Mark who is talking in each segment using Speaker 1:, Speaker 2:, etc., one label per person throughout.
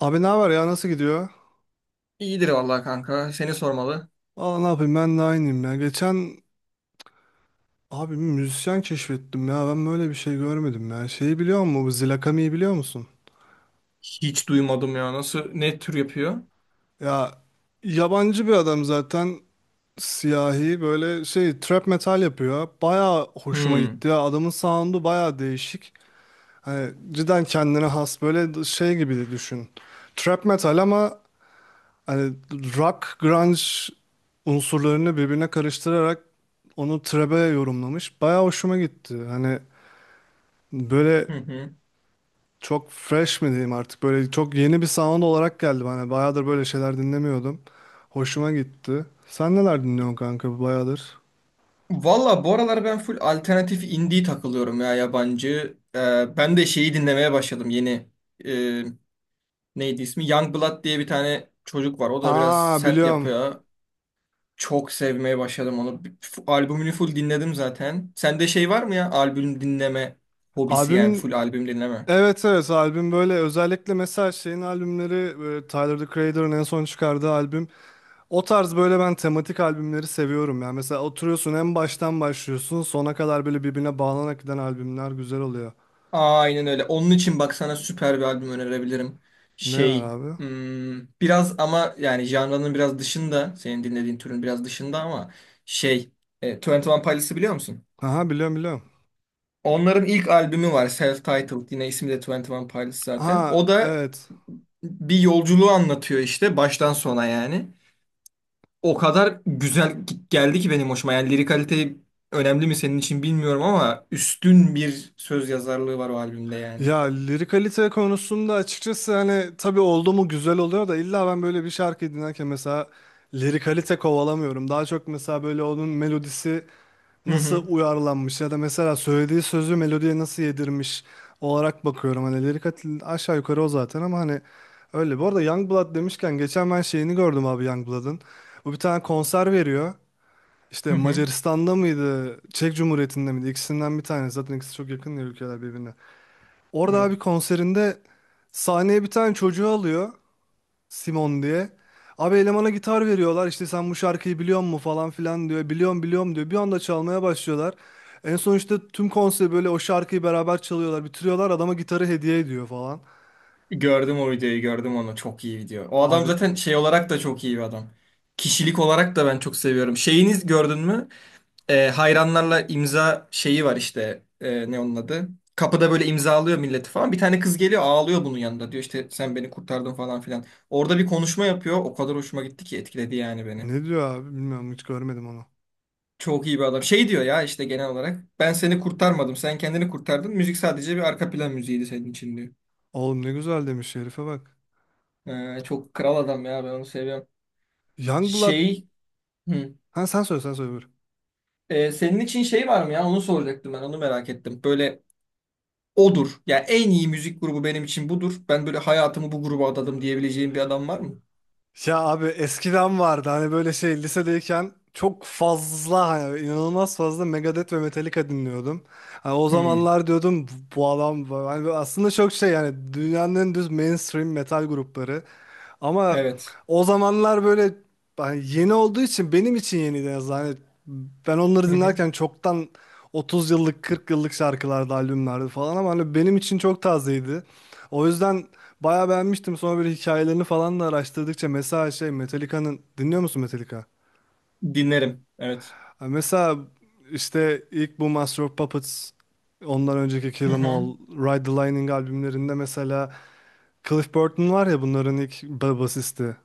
Speaker 1: Abi ne haber ya, nasıl gidiyor?
Speaker 2: İyidir vallahi kanka. Seni sormalı.
Speaker 1: Valla ne yapayım, ben de aynıyım ya. Geçen abi bir müzisyen keşfettim ya, ben böyle bir şey görmedim ya. Şeyi biliyor musun Bu Zilakami'yi biliyor musun?
Speaker 2: Hiç duymadım ya. Nasıl, ne tür yapıyor?
Speaker 1: Ya yabancı bir adam zaten, siyahi böyle şey, trap metal yapıyor. Baya hoşuma
Speaker 2: Hmm.
Speaker 1: gitti ya, adamın sound'u baya değişik. Hani cidden kendine has, böyle şey gibi düşün. Trap metal ama hani rock, grunge unsurlarını birbirine karıştırarak onu trebe yorumlamış. Bayağı hoşuma gitti. Hani böyle
Speaker 2: Hı hı.
Speaker 1: çok fresh mi diyeyim artık, böyle çok yeni bir sound olarak geldi bana. Bayağıdır böyle şeyler dinlemiyordum. Hoşuma gitti. Sen neler dinliyorsun kanka bayağıdır?
Speaker 2: Valla bu aralar ben full alternatif indie takılıyorum ya yabancı. Ben de şeyi dinlemeye başladım yeni. Ee, Neydi ismi? Youngblood diye bir tane çocuk var. O da biraz
Speaker 1: Aa,
Speaker 2: sert
Speaker 1: biliyorum.
Speaker 2: yapıyor ya. Çok sevmeye başladım onu. Albümünü full dinledim zaten. Sende şey var mı ya? Albüm dinleme hobisi yani,
Speaker 1: Albüm
Speaker 2: full albüm dinleme.
Speaker 1: evet evet, albüm böyle özellikle mesela şeyin albümleri, böyle Tyler, The Creator'ın en son çıkardığı albüm. O tarz, böyle ben tematik albümleri seviyorum. Yani mesela oturuyorsun, en baştan başlıyorsun, sona kadar böyle birbirine bağlanarak giden albümler güzel oluyor.
Speaker 2: Aynen öyle. Onun için bak, sana süper bir albüm önerebilirim.
Speaker 1: Ne var
Speaker 2: Şey,
Speaker 1: abi?
Speaker 2: hmm, biraz ama yani janranın biraz dışında, senin dinlediğin türün biraz dışında ama şey, 21 Pilots'ı biliyor musun?
Speaker 1: Aha biliyorum biliyorum.
Speaker 2: Onların ilk albümü var, Self-Titled, yine ismi de 21 Pilots zaten.
Speaker 1: Ha
Speaker 2: O da
Speaker 1: evet.
Speaker 2: bir yolculuğu anlatıyor işte baştan sona yani. O kadar güzel geldi ki benim hoşuma. Yani lirik kalite önemli mi senin için bilmiyorum ama üstün bir söz yazarlığı var o albümde yani.
Speaker 1: Ya lirikalite konusunda açıkçası hani, tabii oldu mu güzel oluyor da illa ben böyle bir şarkı dinlerken mesela lirikalite kovalamıyorum. Daha çok mesela böyle onun melodisi
Speaker 2: Hı
Speaker 1: nasıl
Speaker 2: hı.
Speaker 1: uyarlanmış, ya da mesela söylediği sözü melodiye nasıl yedirmiş olarak bakıyorum. Hani aşağı yukarı o zaten, ama hani öyle. Bu arada Youngblood demişken geçen ben şeyini gördüm abi, Youngblood'ın. Bu bir tane konser veriyor. İşte
Speaker 2: Hı hı.
Speaker 1: Macaristan'da mıydı, Çek Cumhuriyeti'nde miydi? İkisinden bir tanesi. Zaten ikisi çok yakın ya, ülkeler birbirine. Orada abi
Speaker 2: Evet.
Speaker 1: konserinde sahneye bir tane çocuğu alıyor. Simon diye. Abi elemana gitar veriyorlar, işte sen bu şarkıyı biliyor musun falan filan diyor. Biliyorum biliyorum diyor. Bir anda çalmaya başlıyorlar. En son işte tüm konser böyle o şarkıyı beraber çalıyorlar. Bitiriyorlar, adama gitarı hediye ediyor falan.
Speaker 2: Gördüm o videoyu, gördüm onu. Çok iyi video. O adam
Speaker 1: Abi
Speaker 2: zaten şey olarak da çok iyi bir adam. Kişilik olarak da ben çok seviyorum. Şeyiniz gördün mü? Hayranlarla imza şeyi var işte. Ne onun adı? Kapıda böyle imzalıyor milleti falan. Bir tane kız geliyor, ağlıyor bunun yanında. Diyor işte sen beni kurtardın falan filan. Orada bir konuşma yapıyor. O kadar hoşuma gitti ki, etkiledi yani beni.
Speaker 1: ne diyor abi, bilmiyorum hiç görmedim onu.
Speaker 2: Çok iyi bir adam. Şey diyor ya işte genel olarak. Ben seni kurtarmadım. Sen kendini kurtardın. Müzik sadece bir arka plan müziğiydi senin için diyor.
Speaker 1: Oğlum ne güzel demiş herife, bak.
Speaker 2: Çok kral adam ya, ben onu seviyorum.
Speaker 1: Youngblood.
Speaker 2: Şey, hı.
Speaker 1: Ha sen söyle, sen söyle, buyur.
Speaker 2: Senin için şey var mı ya? Onu soracaktım ben. Onu merak ettim. Böyle odur. Yani en iyi müzik grubu benim için budur. Ben böyle hayatımı bu gruba adadım diyebileceğim bir adam var mı?
Speaker 1: Ya abi eskiden vardı hani, böyle şey, lisedeyken çok fazla hani, inanılmaz fazla Megadeth ve Metallica dinliyordum. Hani o
Speaker 2: Hı.
Speaker 1: zamanlar diyordum, bu adam hani böyle aslında çok şey yani, dünyanın en düz mainstream metal grupları. Ama
Speaker 2: Evet.
Speaker 1: o zamanlar böyle, hani yeni olduğu için benim için yeniydi en azından. Hani ben onları
Speaker 2: Hı hı.
Speaker 1: dinlerken çoktan 30 yıllık 40 yıllık şarkılarda albümlerdi falan, ama hani benim için çok tazeydi. O yüzden bayağı beğenmiştim. Sonra böyle hikayelerini falan da araştırdıkça mesela şey Metallica'nın, dinliyor musun Metallica?
Speaker 2: Dinlerim. Evet.
Speaker 1: Ha, mesela işte ilk bu Master of Puppets, ondan önceki
Speaker 2: Hı
Speaker 1: Kill 'Em
Speaker 2: hı.
Speaker 1: All, Ride the Lightning albümlerinde mesela Cliff Burton var ya, bunların ilk basisti.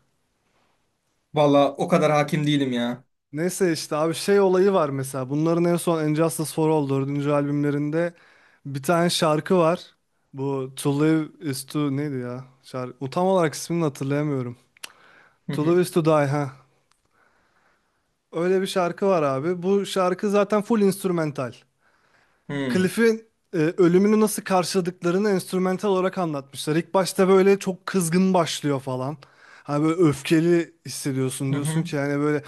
Speaker 2: Valla o kadar hakim değilim ya.
Speaker 1: Neyse işte abi şey olayı var, mesela bunların en son Injustice for All, dördüncü albümlerinde bir tane şarkı var. Bu To Live is to neydi ya? Şarkı, tam olarak ismini hatırlayamıyorum.
Speaker 2: Hı
Speaker 1: To
Speaker 2: hı.
Speaker 1: Live is to Die, ha. Öyle bir şarkı var abi. Bu şarkı zaten full instrumental.
Speaker 2: Hı.
Speaker 1: Cliff'in ölümünü nasıl karşıladıklarını enstrümantal olarak anlatmışlar. İlk başta böyle çok kızgın başlıyor falan. Hani böyle öfkeli hissediyorsun,
Speaker 2: Hı
Speaker 1: diyorsun
Speaker 2: hı.
Speaker 1: ki yani böyle.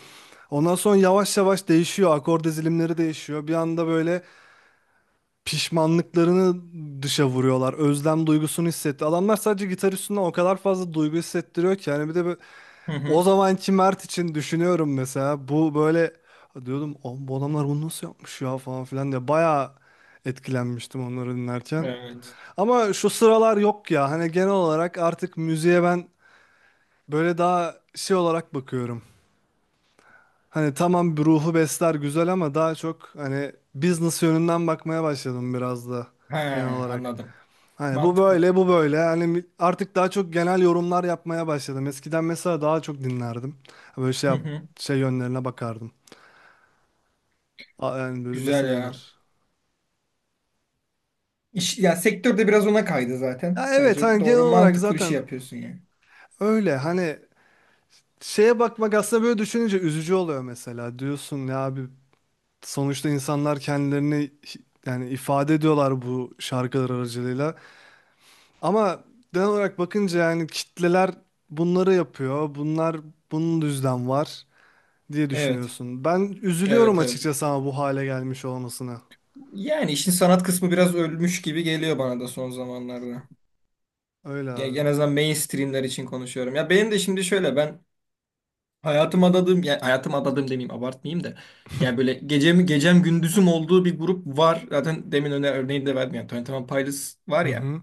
Speaker 1: Ondan sonra yavaş yavaş değişiyor. Akor dizilimleri değişiyor. Bir anda böyle pişmanlıklarını dışa vuruyorlar. Özlem duygusunu hissetti. Adamlar sadece gitar üstünden o kadar fazla duygu hissettiriyor ki. Yani bir de
Speaker 2: Hı
Speaker 1: o
Speaker 2: hı.
Speaker 1: zamanki Mert için düşünüyorum mesela, bu böyle diyordum, "Oğlum bu adamlar bunu nasıl yapmış ya falan filan" diye bayağı etkilenmiştim onları dinlerken.
Speaker 2: Evet.
Speaker 1: Ama şu sıralar yok ya, hani genel olarak artık müziğe ben böyle daha şey olarak bakıyorum. Hani tamam bir ruhu besler güzel, ama daha çok hani business yönünden bakmaya başladım biraz da,
Speaker 2: He,
Speaker 1: genel olarak.
Speaker 2: anladım.
Speaker 1: Hani bu
Speaker 2: Mantıklı.
Speaker 1: böyle, bu böyle. Hani artık daha çok genel yorumlar yapmaya başladım. Eskiden mesela daha çok dinlerdim. Böyle
Speaker 2: Hı hı.
Speaker 1: şey yönlerine bakardım. Yani böyle
Speaker 2: Güzel
Speaker 1: nasıl
Speaker 2: ya.
Speaker 1: denir?
Speaker 2: İş, ya sektörde biraz ona kaydı zaten.
Speaker 1: Ya evet,
Speaker 2: Bence
Speaker 1: hani genel
Speaker 2: doğru,
Speaker 1: olarak
Speaker 2: mantıklı bir şey
Speaker 1: zaten
Speaker 2: yapıyorsun yani.
Speaker 1: öyle. Hani şeye bakmak aslında böyle düşününce üzücü oluyor mesela. Diyorsun ya abi, sonuçta insanlar kendilerini yani ifade ediyorlar bu şarkılar aracılığıyla. Ama genel olarak bakınca yani, kitleler bunları yapıyor. Bunlar bunun düzden var, diye
Speaker 2: Evet.
Speaker 1: düşünüyorsun. Ben üzülüyorum
Speaker 2: Evet evet.
Speaker 1: açıkçası, ama bu hale gelmiş olmasına.
Speaker 2: Yani işin sanat kısmı biraz ölmüş gibi geliyor bana da son zamanlarda.
Speaker 1: Öyle abi.
Speaker 2: En azından mainstreamler için konuşuyorum. Ya benim de şimdi şöyle, ben hayatım adadığım, yani hayatım adadığım demeyeyim, abartmayayım da. Yani böyle gecem, gecem gündüzüm olduğu bir grup var. Zaten demin öne örneğini de verdim. Yani Twenty One Pilots var
Speaker 1: Hı
Speaker 2: ya.
Speaker 1: hı.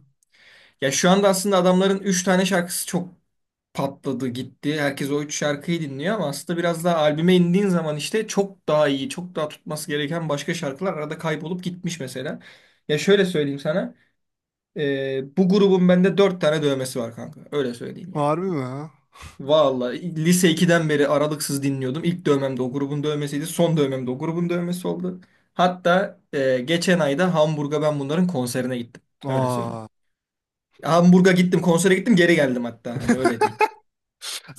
Speaker 2: Ya şu anda aslında adamların 3 tane şarkısı çok patladı gitti. Herkes o 3 şarkıyı dinliyor ama aslında biraz daha albüme indiğin zaman işte çok daha iyi, çok daha tutması gereken başka şarkılar arada kaybolup gitmiş mesela. Ya şöyle söyleyeyim sana. Bu grubun bende dört tane dövmesi var kanka. Öyle söyleyeyim yani.
Speaker 1: Harbi mi ha?
Speaker 2: Vallahi lise ikiden beri aralıksız dinliyordum. İlk dövmem de o grubun dövmesiydi. Son dövmem de o grubun dövmesi oldu. Hatta geçen ayda Hamburg'a ben bunların konserine gittim. Öyle söyleyeyim.
Speaker 1: Aa,
Speaker 2: Hamburg'a gittim, konsere gittim, geri geldim hatta. Hani öyle diyeyim.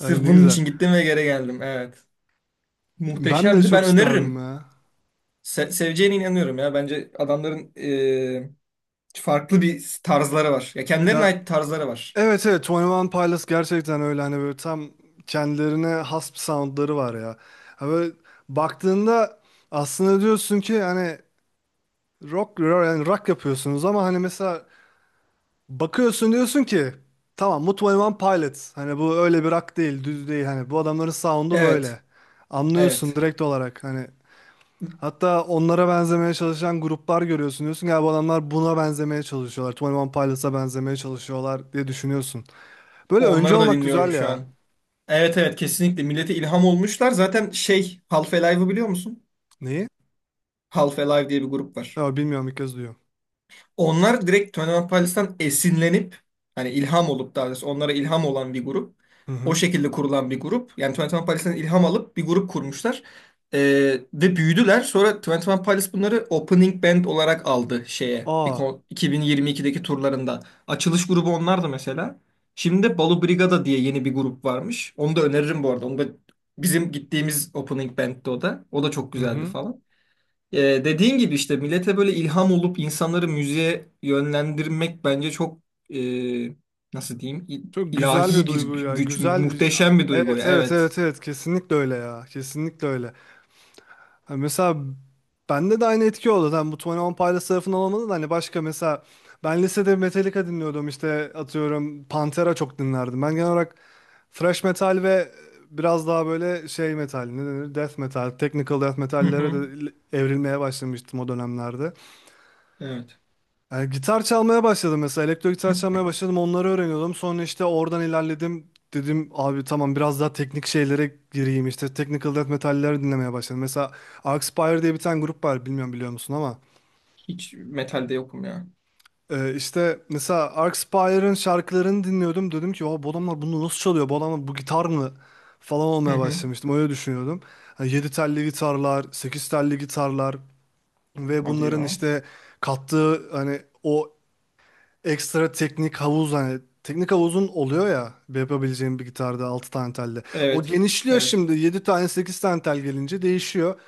Speaker 1: ay ne
Speaker 2: bunun
Speaker 1: güzel.
Speaker 2: için gittim ve geri geldim. Evet.
Speaker 1: Ben de
Speaker 2: Muhteşemdi.
Speaker 1: çok
Speaker 2: Ben
Speaker 1: isterdim
Speaker 2: öneririm.
Speaker 1: ya.
Speaker 2: Seveceğine inanıyorum ya. Bence adamların farklı bir tarzları var. Ya kendilerine
Speaker 1: Ya
Speaker 2: ait tarzları var.
Speaker 1: evet evet, 21 Pilots gerçekten öyle, hani böyle tam kendilerine has bir soundları var ya. Ha böyle baktığında aslında diyorsun ki hani rock, yani rock yapıyorsunuz ama hani mesela bakıyorsun, diyorsun ki tamam Mutlu Pilots. Hani bu öyle bir rock değil, düz değil. Hani bu adamların sound'u
Speaker 2: Evet.
Speaker 1: böyle. Anlıyorsun
Speaker 2: Evet.
Speaker 1: direkt olarak. Hani hatta onlara benzemeye çalışan gruplar görüyorsun, diyorsun ya bu adamlar buna benzemeye çalışıyorlar. Twenty Pilots'a benzemeye çalışıyorlar diye düşünüyorsun. Böyle önce
Speaker 2: Onları da
Speaker 1: olmak
Speaker 2: dinliyorum
Speaker 1: güzel
Speaker 2: şu
Speaker 1: ya.
Speaker 2: an. Evet evet, kesinlikle millete ilham olmuşlar. Zaten şey, Half Alive'ı biliyor musun?
Speaker 1: Neyi?
Speaker 2: Half Alive diye bir grup var.
Speaker 1: Ya bilmiyorum, ilk kez duyuyorum.
Speaker 2: Onlar direkt Twenty Pilots'tan esinlenip hani ilham olup, daha doğrusu onlara ilham olan bir grup.
Speaker 1: Hı
Speaker 2: O
Speaker 1: hı.
Speaker 2: şekilde kurulan bir grup. Yani Twenty One Pilots'tan ilham alıp bir grup kurmuşlar. Ee, Ve büyüdüler. Sonra Twenty One Pilots bunları opening band olarak aldı şeye.
Speaker 1: Aa.
Speaker 2: 2022'deki turlarında. Açılış grubu onlardı mesela. Şimdi de Balu Brigada diye yeni bir grup varmış. Onu da öneririm bu arada. Onu da bizim gittiğimiz opening band'ti o da. O da çok
Speaker 1: Hı
Speaker 2: güzeldi
Speaker 1: hı.
Speaker 2: falan. Ee, Dediğin gibi işte millete böyle ilham olup insanları müziğe yönlendirmek bence çok, e, nasıl diyeyim,
Speaker 1: Çok güzel bir
Speaker 2: ilahi bir
Speaker 1: duygu ya.
Speaker 2: güç,
Speaker 1: Güzel bir
Speaker 2: muhteşem bir duygu.
Speaker 1: Evet evet
Speaker 2: Evet.
Speaker 1: evet evet, kesinlikle öyle ya. Kesinlikle öyle. Ha, mesela bende de aynı etki oldu. Hani bu 21 Pilots tarafından olmadı da hani, başka mesela ben lisede Metallica dinliyordum, işte atıyorum Pantera çok dinlerdim. Ben genel olarak thrash metal ve biraz daha böyle şey metal, ne denir, death metal, technical death
Speaker 2: Hı
Speaker 1: metallere
Speaker 2: hı.
Speaker 1: de evrilmeye başlamıştım o dönemlerde.
Speaker 2: Evet.
Speaker 1: Yani gitar çalmaya başladım mesela, elektro gitar çalmaya başladım, onları öğreniyordum, sonra işte oradan ilerledim, dedim abi tamam biraz daha teknik şeylere gireyim, işte technical death metalleri dinlemeye başladım mesela. Arcspire diye bir tane grup var, bilmiyorum biliyor musun ama,
Speaker 2: Hiç metalde yokum ya.
Speaker 1: işte mesela Arcspire'ın şarkılarını dinliyordum, dedim ki o bu adamlar bunu nasıl çalıyor, bu adamlar bu gitar mı falan
Speaker 2: Hı
Speaker 1: olmaya
Speaker 2: hı.
Speaker 1: başlamıştım, öyle düşünüyordum. Yedi telli gitarlar, 8 telli gitarlar ve
Speaker 2: Hadi
Speaker 1: bunların
Speaker 2: ya.
Speaker 1: işte kattığı hani o ekstra teknik havuz, hani teknik havuzun oluyor ya, yapabileceğim bir gitarda 6 tane telle. O
Speaker 2: Evet.
Speaker 1: genişliyor,
Speaker 2: Evet.
Speaker 1: şimdi 7 tane 8 tane tel gelince değişiyor.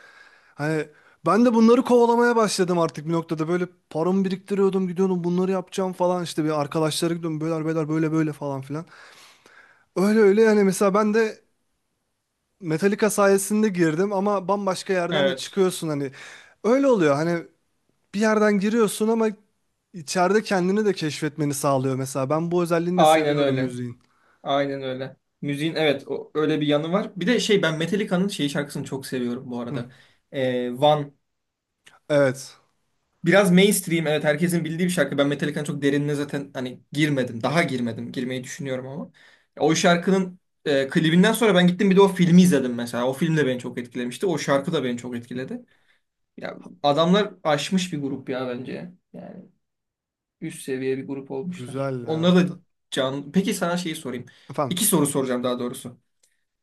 Speaker 1: Hani ben de bunları kovalamaya başladım artık bir noktada, böyle paramı biriktiriyordum, gidiyordum bunları yapacağım falan, işte bir arkadaşlara gidiyordum, beyler beyler böyle böyle falan filan. Öyle öyle yani, mesela ben de Metallica sayesinde girdim ama bambaşka yerden de
Speaker 2: Evet.
Speaker 1: çıkıyorsun hani, öyle oluyor hani, bir yerden giriyorsun ama içeride kendini de keşfetmeni sağlıyor mesela. Ben bu özelliğini de
Speaker 2: Aynen
Speaker 1: seviyorum
Speaker 2: öyle.
Speaker 1: müziğin.
Speaker 2: Aynen öyle. Müziğin evet, o, öyle bir yanı var. Bir de şey, ben Metallica'nın şey şarkısını çok seviyorum bu
Speaker 1: Hı.
Speaker 2: arada. One.
Speaker 1: Evet.
Speaker 2: Biraz mainstream, evet, herkesin bildiği bir şarkı. Ben Metallica'nın çok derinine zaten hani girmedim. Daha girmedim. Girmeyi düşünüyorum ama. O şarkının klibinden sonra ben gittim, bir de o filmi izledim mesela. O film de beni çok etkilemişti. O şarkı da beni çok etkiledi. Ya adamlar aşmış bir grup ya bence. Yani üst seviye bir grup olmuşlar.
Speaker 1: Güzel ya.
Speaker 2: Onlara da can... Peki sana şeyi sorayım.
Speaker 1: Efendim.
Speaker 2: İki soru soracağım daha doğrusu.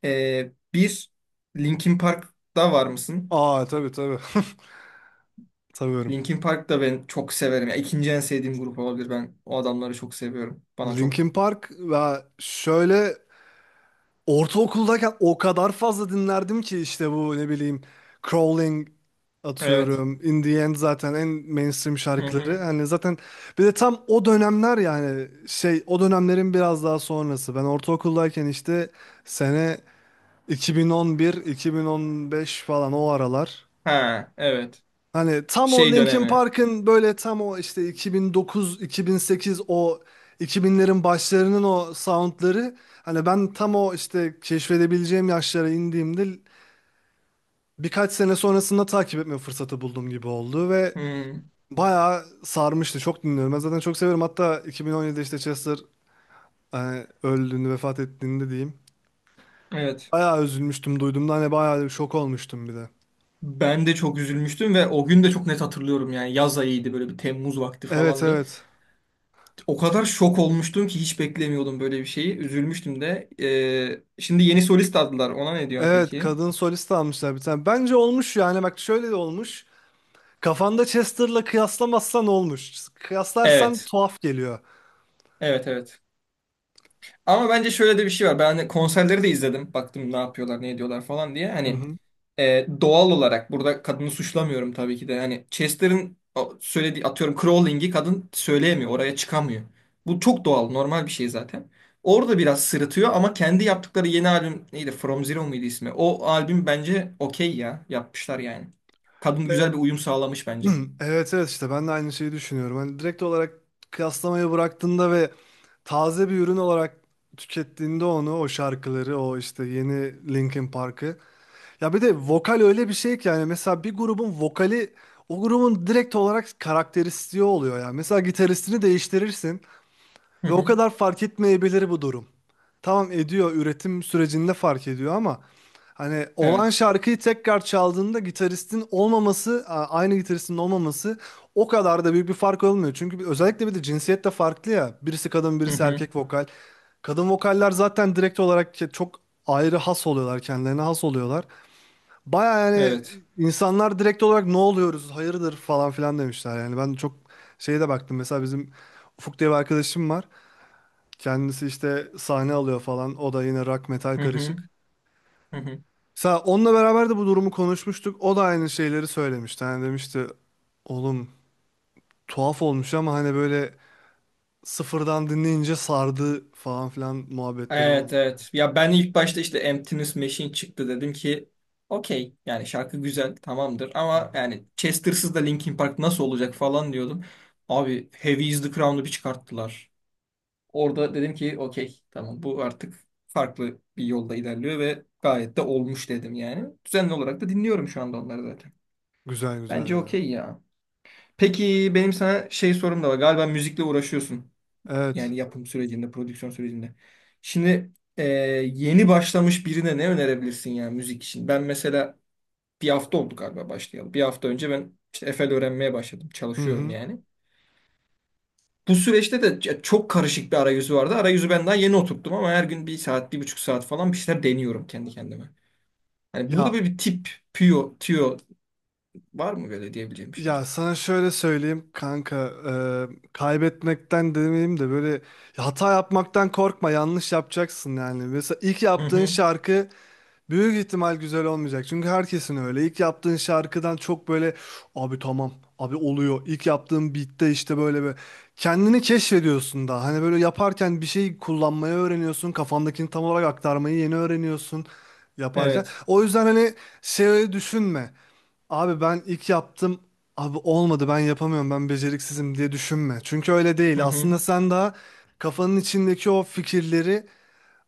Speaker 2: Bir, Linkin Park'ta var mısın?
Speaker 1: Aa tabii tabii. Tanıyorum.
Speaker 2: Linkin Park da ben çok severim. Ya, ikinci en sevdiğim grup olabilir. Ben o adamları çok seviyorum. Bana çok...
Speaker 1: Linkin Park ve şöyle, ortaokuldayken o kadar fazla dinlerdim ki işte bu ne bileyim Crawling
Speaker 2: Evet.
Speaker 1: atıyorum. In the End zaten en mainstream
Speaker 2: Hı
Speaker 1: şarkıları.
Speaker 2: hı.
Speaker 1: Hani zaten bir de tam o dönemler, yani şey, o dönemlerin biraz daha sonrası. Ben ortaokuldayken işte sene 2011-2015 falan, o aralar.
Speaker 2: Ha, evet.
Speaker 1: Hani tam o
Speaker 2: Şey
Speaker 1: Linkin
Speaker 2: dönemi.
Speaker 1: Park'ın böyle tam o işte 2009-2008, o 2000'lerin başlarının o soundları, hani ben tam o işte keşfedebileceğim yaşlara indiğimde birkaç sene sonrasında takip etme fırsatı bulduğum gibi oldu ve
Speaker 2: Hı,
Speaker 1: bayağı sarmıştı. Çok dinliyorum. Ben zaten çok severim. Hatta 2017'de işte Chester hani öldüğünde, vefat ettiğinde diyeyim,
Speaker 2: evet.
Speaker 1: bayağı üzülmüştüm duyduğumda. Hani bayağı şok olmuştum bir de.
Speaker 2: Ben de çok üzülmüştüm ve o gün de çok net hatırlıyorum yani. Yaz ayıydı, böyle bir Temmuz vakti
Speaker 1: Evet
Speaker 2: falandı.
Speaker 1: evet.
Speaker 2: O kadar şok olmuştum ki, hiç beklemiyordum böyle bir şeyi. Üzülmüştüm de. Şimdi yeni solist aldılar. Ona ne diyorsun
Speaker 1: Evet,
Speaker 2: peki?
Speaker 1: kadın solist almışlar bir tane. Bence olmuş yani, bak şöyle de olmuş. Kafanda Chester'la kıyaslamazsan olmuş. Kıyaslarsan
Speaker 2: Evet.
Speaker 1: tuhaf geliyor.
Speaker 2: Evet evet. Ama bence şöyle de bir şey var. Ben hani konserleri de izledim. Baktım ne yapıyorlar, ne ediyorlar falan diye.
Speaker 1: Hı
Speaker 2: Hani
Speaker 1: hı.
Speaker 2: doğal olarak burada kadını suçlamıyorum tabii ki de. Hani Chester'ın o söylediği, atıyorum, crawling'i kadın söyleyemiyor. Oraya çıkamıyor. Bu çok doğal, normal bir şey zaten. Orada biraz sırıtıyor ama kendi yaptıkları yeni albüm neydi? From Zero muydu ismi? O albüm bence okey ya. Yapmışlar yani. Kadın
Speaker 1: E,
Speaker 2: güzel bir uyum sağlamış bence.
Speaker 1: evet evet, işte ben de aynı şeyi düşünüyorum. Hani direkt olarak kıyaslamayı bıraktığında ve taze bir ürün olarak tükettiğinde onu, o şarkıları, o işte yeni Linkin Park'ı. Ya bir de vokal öyle bir şey ki, yani mesela bir grubun vokali o grubun direkt olarak karakteristiği oluyor yani. Mesela gitaristini değiştirirsin.
Speaker 2: Hı
Speaker 1: Ve o
Speaker 2: hı.
Speaker 1: kadar fark etmeyebilir bu durum. Tamam ediyor, üretim sürecinde fark ediyor, ama hani olan
Speaker 2: Evet.
Speaker 1: şarkıyı tekrar çaldığında gitaristin olmaması, aynı gitaristin olmaması o kadar da büyük bir fark olmuyor. Çünkü özellikle bir de cinsiyet de farklı ya. Birisi kadın,
Speaker 2: Hı
Speaker 1: birisi
Speaker 2: hı.
Speaker 1: erkek vokal. Kadın vokaller zaten direkt olarak çok ayrı has oluyorlar, kendilerine has oluyorlar. Baya yani,
Speaker 2: Evet.
Speaker 1: insanlar direkt olarak ne oluyoruz, hayırdır falan filan demişler. Yani ben çok şeye de baktım. Mesela bizim Ufuk diye bir arkadaşım var. Kendisi işte sahne alıyor falan. O da yine rock metal
Speaker 2: Hı hı.
Speaker 1: karışık.
Speaker 2: Hı hı.
Speaker 1: Mesela onunla beraber de bu durumu konuşmuştuk. O da aynı şeyleri söylemişti. Hani demişti oğlum tuhaf olmuş ama hani böyle sıfırdan dinleyince sardı falan filan muhabbetleri
Speaker 2: Evet
Speaker 1: olur.
Speaker 2: evet. Ya ben ilk başta işte Emptiness Machine çıktı, dedim ki okey, yani şarkı güzel, tamamdır
Speaker 1: Hı
Speaker 2: ama
Speaker 1: hı.
Speaker 2: yani Chester'sız da Linkin Park nasıl olacak falan diyordum. Abi Heavy is the Crown'u bir çıkarttılar. Orada dedim ki okey, tamam, bu artık farklı bir yolda ilerliyor ve gayet de olmuş dedim yani. Düzenli olarak da dinliyorum şu anda onları zaten.
Speaker 1: Güzel güzel
Speaker 2: Bence
Speaker 1: ya.
Speaker 2: okey ya. Peki benim sana şey sorum da var. Galiba müzikle uğraşıyorsun.
Speaker 1: Evet.
Speaker 2: Yani yapım sürecinde, prodüksiyon sürecinde. Şimdi yeni başlamış birine ne önerebilirsin yani müzik için? Ben mesela bir hafta oldu galiba başlayalı. Bir hafta önce ben işte Efel öğrenmeye başladım.
Speaker 1: Hı
Speaker 2: Çalışıyorum
Speaker 1: hı.
Speaker 2: yani. Bu süreçte de çok karışık bir arayüzü vardı. Arayüzü ben daha yeni oturttum ama her gün bir saat, bir buçuk saat falan bir şeyler deniyorum kendi kendime. Yani burada
Speaker 1: Ya
Speaker 2: böyle bir tip, püyo, tüyo var mı, böyle diyebileceğim bir şey
Speaker 1: ya
Speaker 2: acaba?
Speaker 1: sana şöyle söyleyeyim kanka, kaybetmekten demeyeyim de böyle, hata yapmaktan korkma, yanlış yapacaksın yani. Mesela ilk
Speaker 2: Hı
Speaker 1: yaptığın
Speaker 2: hı.
Speaker 1: şarkı büyük ihtimal güzel olmayacak. Çünkü herkesin öyle. İlk yaptığın şarkıdan çok böyle abi tamam abi oluyor. İlk yaptığın beat'te işte böyle bir kendini keşfediyorsun da. Hani böyle yaparken bir şey kullanmayı öğreniyorsun. Kafandakini tam olarak aktarmayı yeni öğreniyorsun yaparken.
Speaker 2: Evet.
Speaker 1: O yüzden hani şey düşünme. Abi ben ilk yaptım, abi olmadı, ben yapamıyorum, ben beceriksizim diye düşünme. Çünkü öyle
Speaker 2: Hı
Speaker 1: değil.
Speaker 2: hı.
Speaker 1: Aslında sen daha kafanın içindeki o fikirleri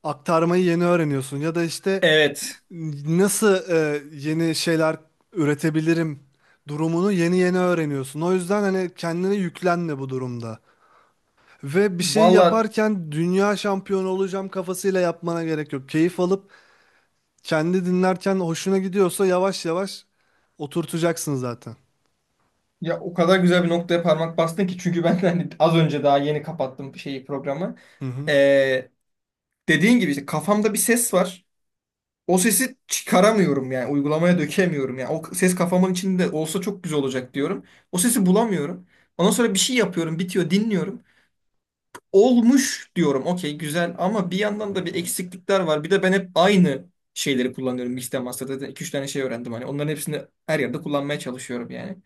Speaker 1: aktarmayı yeni öğreniyorsun. Ya da işte
Speaker 2: Evet.
Speaker 1: nasıl yeni şeyler üretebilirim durumunu yeni yeni öğreniyorsun. O yüzden hani kendine yüklenme bu durumda. Ve bir şey
Speaker 2: Valla,
Speaker 1: yaparken dünya şampiyonu olacağım kafasıyla yapmana gerek yok. Keyif alıp kendi dinlerken hoşuna gidiyorsa yavaş yavaş oturtacaksın zaten.
Speaker 2: ya o kadar güzel bir noktaya parmak bastın ki, çünkü ben hani az önce daha yeni kapattım şeyi, programı.
Speaker 1: Hı hı.
Speaker 2: Ee, Dediğin gibi işte kafamda bir ses var. O sesi çıkaramıyorum yani, uygulamaya dökemiyorum yani. O ses kafamın içinde olsa çok güzel olacak diyorum. O sesi bulamıyorum. Ondan sonra bir şey yapıyorum, bitiyor, dinliyorum. Olmuş diyorum. Okey, güzel, ama bir yandan da bir eksiklikler var. Bir de ben hep aynı şeyleri kullanıyorum. Mixed Master'da iki üç tane şey öğrendim hani. Onların hepsini her yerde kullanmaya çalışıyorum yani.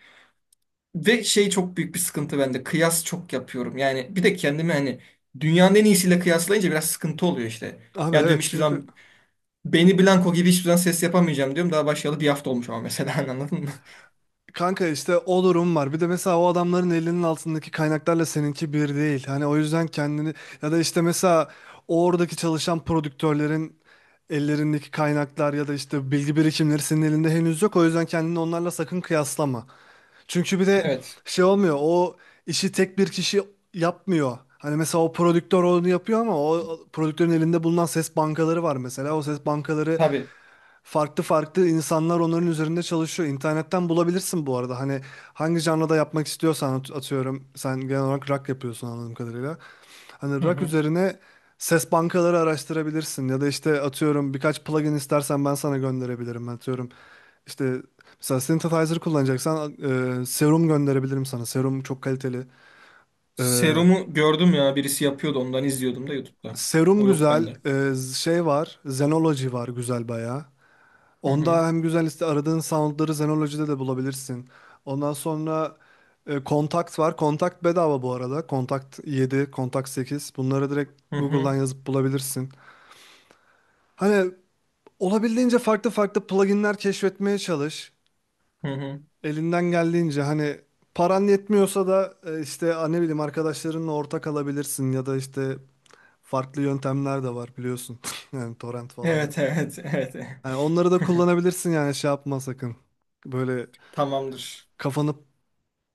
Speaker 2: Ve şey, çok büyük bir sıkıntı bende. Kıyas çok yapıyorum. Yani bir de kendimi hani dünyanın en iyisiyle kıyaslayınca biraz sıkıntı oluyor işte.
Speaker 1: Abi
Speaker 2: Ya diyorum,
Speaker 1: evet,
Speaker 2: hiçbir
Speaker 1: çünkü
Speaker 2: zaman Benny Blanco gibi hiçbir zaman ses yapamayacağım diyorum. Daha başlayalı bir hafta olmuş ama mesela, anladın mı?
Speaker 1: kanka işte o durum var. Bir de mesela o adamların elinin altındaki kaynaklarla seninki bir değil. Hani o yüzden kendini, ya da işte mesela oradaki çalışan prodüktörlerin ellerindeki kaynaklar ya da işte bilgi birikimleri senin elinde henüz yok. O yüzden kendini onlarla sakın kıyaslama. Çünkü bir de
Speaker 2: Evet.
Speaker 1: şey olmuyor. O işi tek bir kişi yapmıyor. Hani mesela o prodüktör onu yapıyor ama o prodüktörün elinde bulunan ses bankaları var mesela. O ses bankaları
Speaker 2: Tabii.
Speaker 1: farklı farklı insanlar onların üzerinde çalışıyor. İnternetten bulabilirsin bu arada. Hani hangi janrada yapmak istiyorsan atıyorum. Sen genel olarak rock yapıyorsun anladığım kadarıyla. Hani
Speaker 2: Hı
Speaker 1: rock
Speaker 2: hı.
Speaker 1: üzerine ses bankaları araştırabilirsin. Ya da işte atıyorum birkaç plugin istersen ben sana gönderebilirim. Atıyorum işte mesela synthesizer kullanacaksan Serum gönderebilirim sana. Serum çok kaliteli. E,
Speaker 2: Serumu gördüm ya, birisi yapıyordu, ondan izliyordum da YouTube'da.
Speaker 1: Serum
Speaker 2: O yok
Speaker 1: güzel.
Speaker 2: bende.
Speaker 1: Şey var. Zenology var, güzel bayağı.
Speaker 2: Hı
Speaker 1: Onda
Speaker 2: hı.
Speaker 1: hem güzel liste, aradığın soundları Zenology'de de bulabilirsin. Ondan sonra Kontakt var. Kontakt bedava bu arada. Kontakt 7, Kontakt 8. Bunları direkt
Speaker 2: Hı
Speaker 1: Google'dan
Speaker 2: hı.
Speaker 1: yazıp bulabilirsin. Hani olabildiğince farklı farklı pluginler keşfetmeye çalış.
Speaker 2: Hı hı.
Speaker 1: Elinden geldiğince hani paran yetmiyorsa da ne bileyim arkadaşlarınla ortak alabilirsin ya da işte farklı yöntemler de var biliyorsun. Yani torrent falan gibi.
Speaker 2: Evet evet evet.
Speaker 1: Hani onları da kullanabilirsin, yani şey yapma sakın. Böyle
Speaker 2: Tamamdır.
Speaker 1: kafanı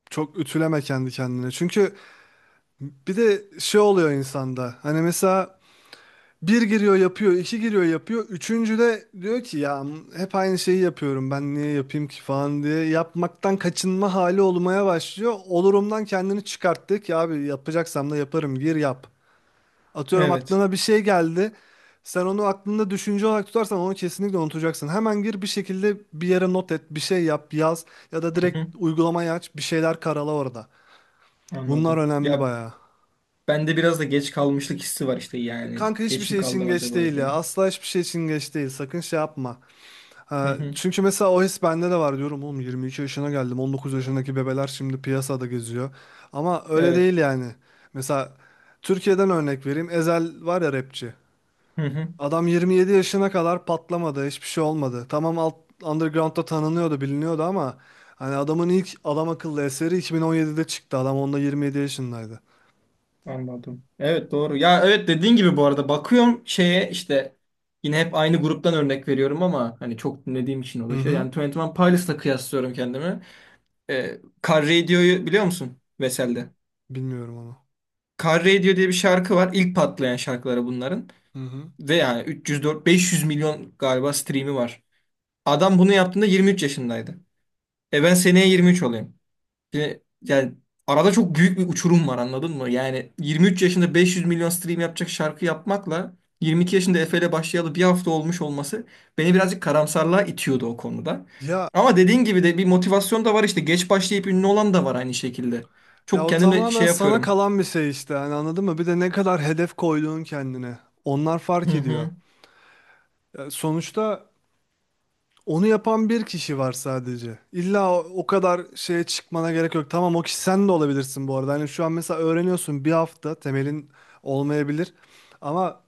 Speaker 1: çok ütüleme kendi kendine. Çünkü bir de şey oluyor insanda. Hani mesela bir giriyor yapıyor, iki giriyor yapıyor. Üçüncü de diyor ki ya hep aynı şeyi yapıyorum, ben niye yapayım ki falan diye. Yapmaktan kaçınma hali olmaya başlıyor. Olurumdan kendini çıkarttık ya abi, yapacaksam da yaparım, gir yap. Atıyorum
Speaker 2: Evet.
Speaker 1: aklına bir şey geldi. Sen onu aklında düşünce olarak tutarsan onu kesinlikle unutacaksın. Hemen gir bir şekilde, bir yere not et, bir şey yap, yaz ya da
Speaker 2: Hı hı.
Speaker 1: direkt uygulamayı aç, bir şeyler karala orada. Bunlar
Speaker 2: Anladım.
Speaker 1: önemli
Speaker 2: Ya,
Speaker 1: bayağı.
Speaker 2: bende biraz da geç kalmışlık hissi var işte yani.
Speaker 1: Kanka hiçbir
Speaker 2: Geç mi
Speaker 1: şey için
Speaker 2: kaldım
Speaker 1: geç
Speaker 2: acaba
Speaker 1: değil ya.
Speaker 2: diye.
Speaker 1: Asla hiçbir şey için geç değil. Sakın şey yapma.
Speaker 2: Hı
Speaker 1: Ha,
Speaker 2: hı.
Speaker 1: çünkü mesela o his bende de var diyorum. Oğlum 22 yaşına geldim. 19 yaşındaki bebeler şimdi piyasada geziyor. Ama öyle
Speaker 2: Evet.
Speaker 1: değil yani. Mesela Türkiye'den örnek vereyim. Ezel var ya, rapçi.
Speaker 2: Hı hı.
Speaker 1: Adam 27 yaşına kadar patlamadı. Hiçbir şey olmadı. Tamam underground'da tanınıyordu, biliniyordu ama hani adamın ilk adam akıllı eseri 2017'de çıktı. Adam onda 27 yaşındaydı.
Speaker 2: Anladım. Evet, doğru. Ya evet, dediğin gibi bu arada bakıyorum şeye işte, yine hep aynı gruptan örnek veriyorum ama hani çok dinlediğim için o
Speaker 1: Hı
Speaker 2: da şey.
Speaker 1: hı.
Speaker 2: Yani Twenty One Pilots'la kıyaslıyorum kendimi. Ee, Car Radio'yu biliyor musun? Vesel'de.
Speaker 1: Bilmiyorum onu.
Speaker 2: Car Radio diye bir şarkı var. İlk patlayan şarkıları bunların.
Speaker 1: Hı hı.
Speaker 2: Ve yani 304 500 milyon galiba stream'i var. Adam bunu yaptığında 23 yaşındaydı. E ben seneye 23 olayım. Şimdi, yani arada çok büyük bir uçurum var, anladın mı? Yani 23 yaşında 500 milyon stream yapacak şarkı yapmakla 22 yaşında Efe ile başlayalı bir hafta olmuş olması beni birazcık karamsarlığa itiyordu o konuda.
Speaker 1: Ya
Speaker 2: Ama dediğin gibi de bir motivasyon da var işte, geç başlayıp ünlü olan da var aynı şekilde.
Speaker 1: Ya,
Speaker 2: Çok
Speaker 1: o
Speaker 2: kendime
Speaker 1: tamamen
Speaker 2: şey
Speaker 1: sana
Speaker 2: yapıyorum.
Speaker 1: kalan bir şey işte. Hani anladın mı? Bir de ne kadar hedef koyduğun kendine. Onlar
Speaker 2: Hı
Speaker 1: fark ediyor.
Speaker 2: hı,
Speaker 1: Ya sonuçta onu yapan bir kişi var sadece. İlla o kadar şeye çıkmana gerek yok. Tamam, o kişi sen de olabilirsin bu arada. Hani şu an mesela öğreniyorsun, bir hafta temelin olmayabilir. Ama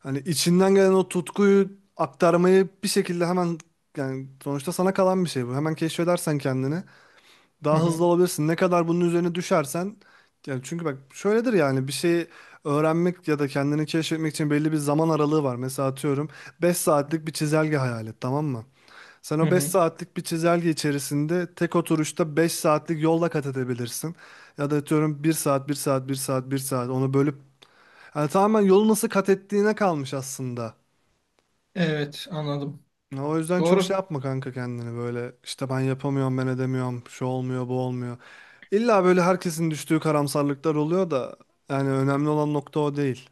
Speaker 1: hani içinden gelen o tutkuyu aktarmayı bir şekilde hemen, yani sonuçta sana kalan bir şey bu. Hemen keşfedersen kendini,
Speaker 2: hı
Speaker 1: daha hızlı
Speaker 2: hı,
Speaker 1: olabilirsin. Ne kadar bunun üzerine düşersen, yani çünkü bak şöyledir, yani bir şeyi öğrenmek ya da kendini keşfetmek için belli bir zaman aralığı var. Mesela atıyorum 5 saatlik bir çizelge hayal et, tamam mı? Sen
Speaker 2: hı
Speaker 1: o 5
Speaker 2: hı.
Speaker 1: saatlik bir çizelge içerisinde tek oturuşta 5 saatlik yolla kat edebilirsin. Ya da atıyorum bir saat, bir saat, bir saat, bir saat onu bölüp, yani tamamen yolu nasıl kat ettiğine kalmış aslında.
Speaker 2: Evet, anladım.
Speaker 1: Ya o yüzden çok şey
Speaker 2: Doğru.
Speaker 1: yapma kanka kendini, böyle işte ben yapamıyorum, ben edemiyorum, şu olmuyor bu olmuyor. İlla böyle herkesin düştüğü karamsarlıklar oluyor da yani önemli olan nokta o değil.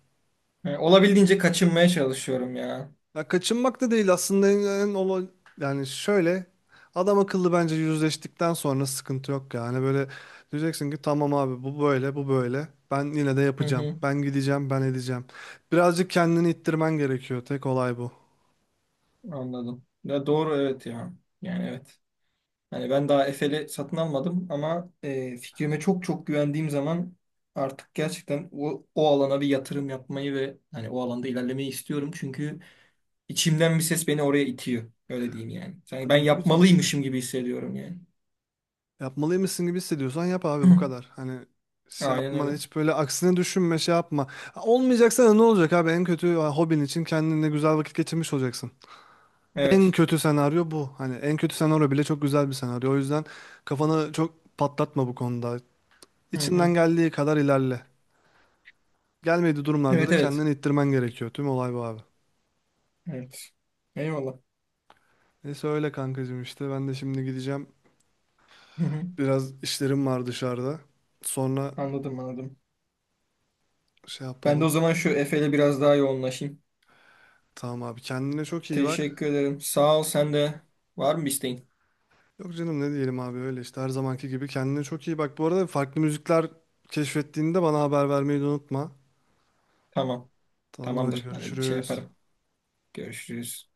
Speaker 2: Yani olabildiğince kaçınmaya çalışıyorum ya.
Speaker 1: Ya kaçınmak da değil aslında, en yani şöyle adam akıllı bence yüzleştikten sonra sıkıntı yok. Yani böyle diyeceksin ki tamam abi, bu böyle bu böyle, ben yine de
Speaker 2: Hı
Speaker 1: yapacağım,
Speaker 2: hı,
Speaker 1: ben gideceğim, ben edeceğim. Birazcık kendini ittirmen gerekiyor, tek olay bu.
Speaker 2: anladım. Ya doğru, evet ya. Yani evet. Hani ben daha Efe'li satın almadım ama fikrime çok çok güvendiğim zaman artık gerçekten o, o alana bir yatırım yapmayı ve hani o alanda ilerlemeyi istiyorum. Çünkü içimden bir ses beni oraya itiyor. Öyle diyeyim yani. Sanki ben
Speaker 1: Abi ne güzel işte.
Speaker 2: yapmalıymışım gibi hissediyorum yani.
Speaker 1: Yapmalıymışsın gibi hissediyorsan yap abi, bu kadar. Hani şey
Speaker 2: Aynen
Speaker 1: yapma
Speaker 2: öyle.
Speaker 1: hiç, böyle aksine düşünme, şey yapma. Ha, olmayacaksa da ne olacak abi, en kötü ha, hobin için kendine güzel vakit geçirmiş olacaksın. En
Speaker 2: Evet.
Speaker 1: kötü senaryo bu. Hani en kötü senaryo bile çok güzel bir senaryo. O yüzden kafanı çok patlatma bu konuda.
Speaker 2: Hı hı.
Speaker 1: İçinden geldiği kadar ilerle. Gelmediği durumlarda
Speaker 2: Evet
Speaker 1: da
Speaker 2: evet.
Speaker 1: kendini ittirmen gerekiyor. Tüm olay bu abi.
Speaker 2: Evet. Eyvallah.
Speaker 1: Neyse öyle kankacığım işte. Ben de şimdi gideceğim.
Speaker 2: Hı hı.
Speaker 1: Biraz işlerim var dışarıda. Sonra
Speaker 2: Anladım, anladım.
Speaker 1: şey
Speaker 2: Ben de o
Speaker 1: yapalım.
Speaker 2: zaman şu Efe'yle biraz daha yoğunlaşayım.
Speaker 1: Tamam abi, kendine çok iyi bak.
Speaker 2: Teşekkür ederim. Sağ ol sen de. Var mı bir isteğin?
Speaker 1: Yok canım, ne diyelim abi, öyle işte her zamanki gibi kendine çok iyi bak. Bu arada farklı müzikler keşfettiğinde bana haber vermeyi de unutma.
Speaker 2: Tamam.
Speaker 1: Tamamdır, hadi
Speaker 2: Tamamdır. Hani şey
Speaker 1: görüşürüz.
Speaker 2: yaparım. Görüşürüz.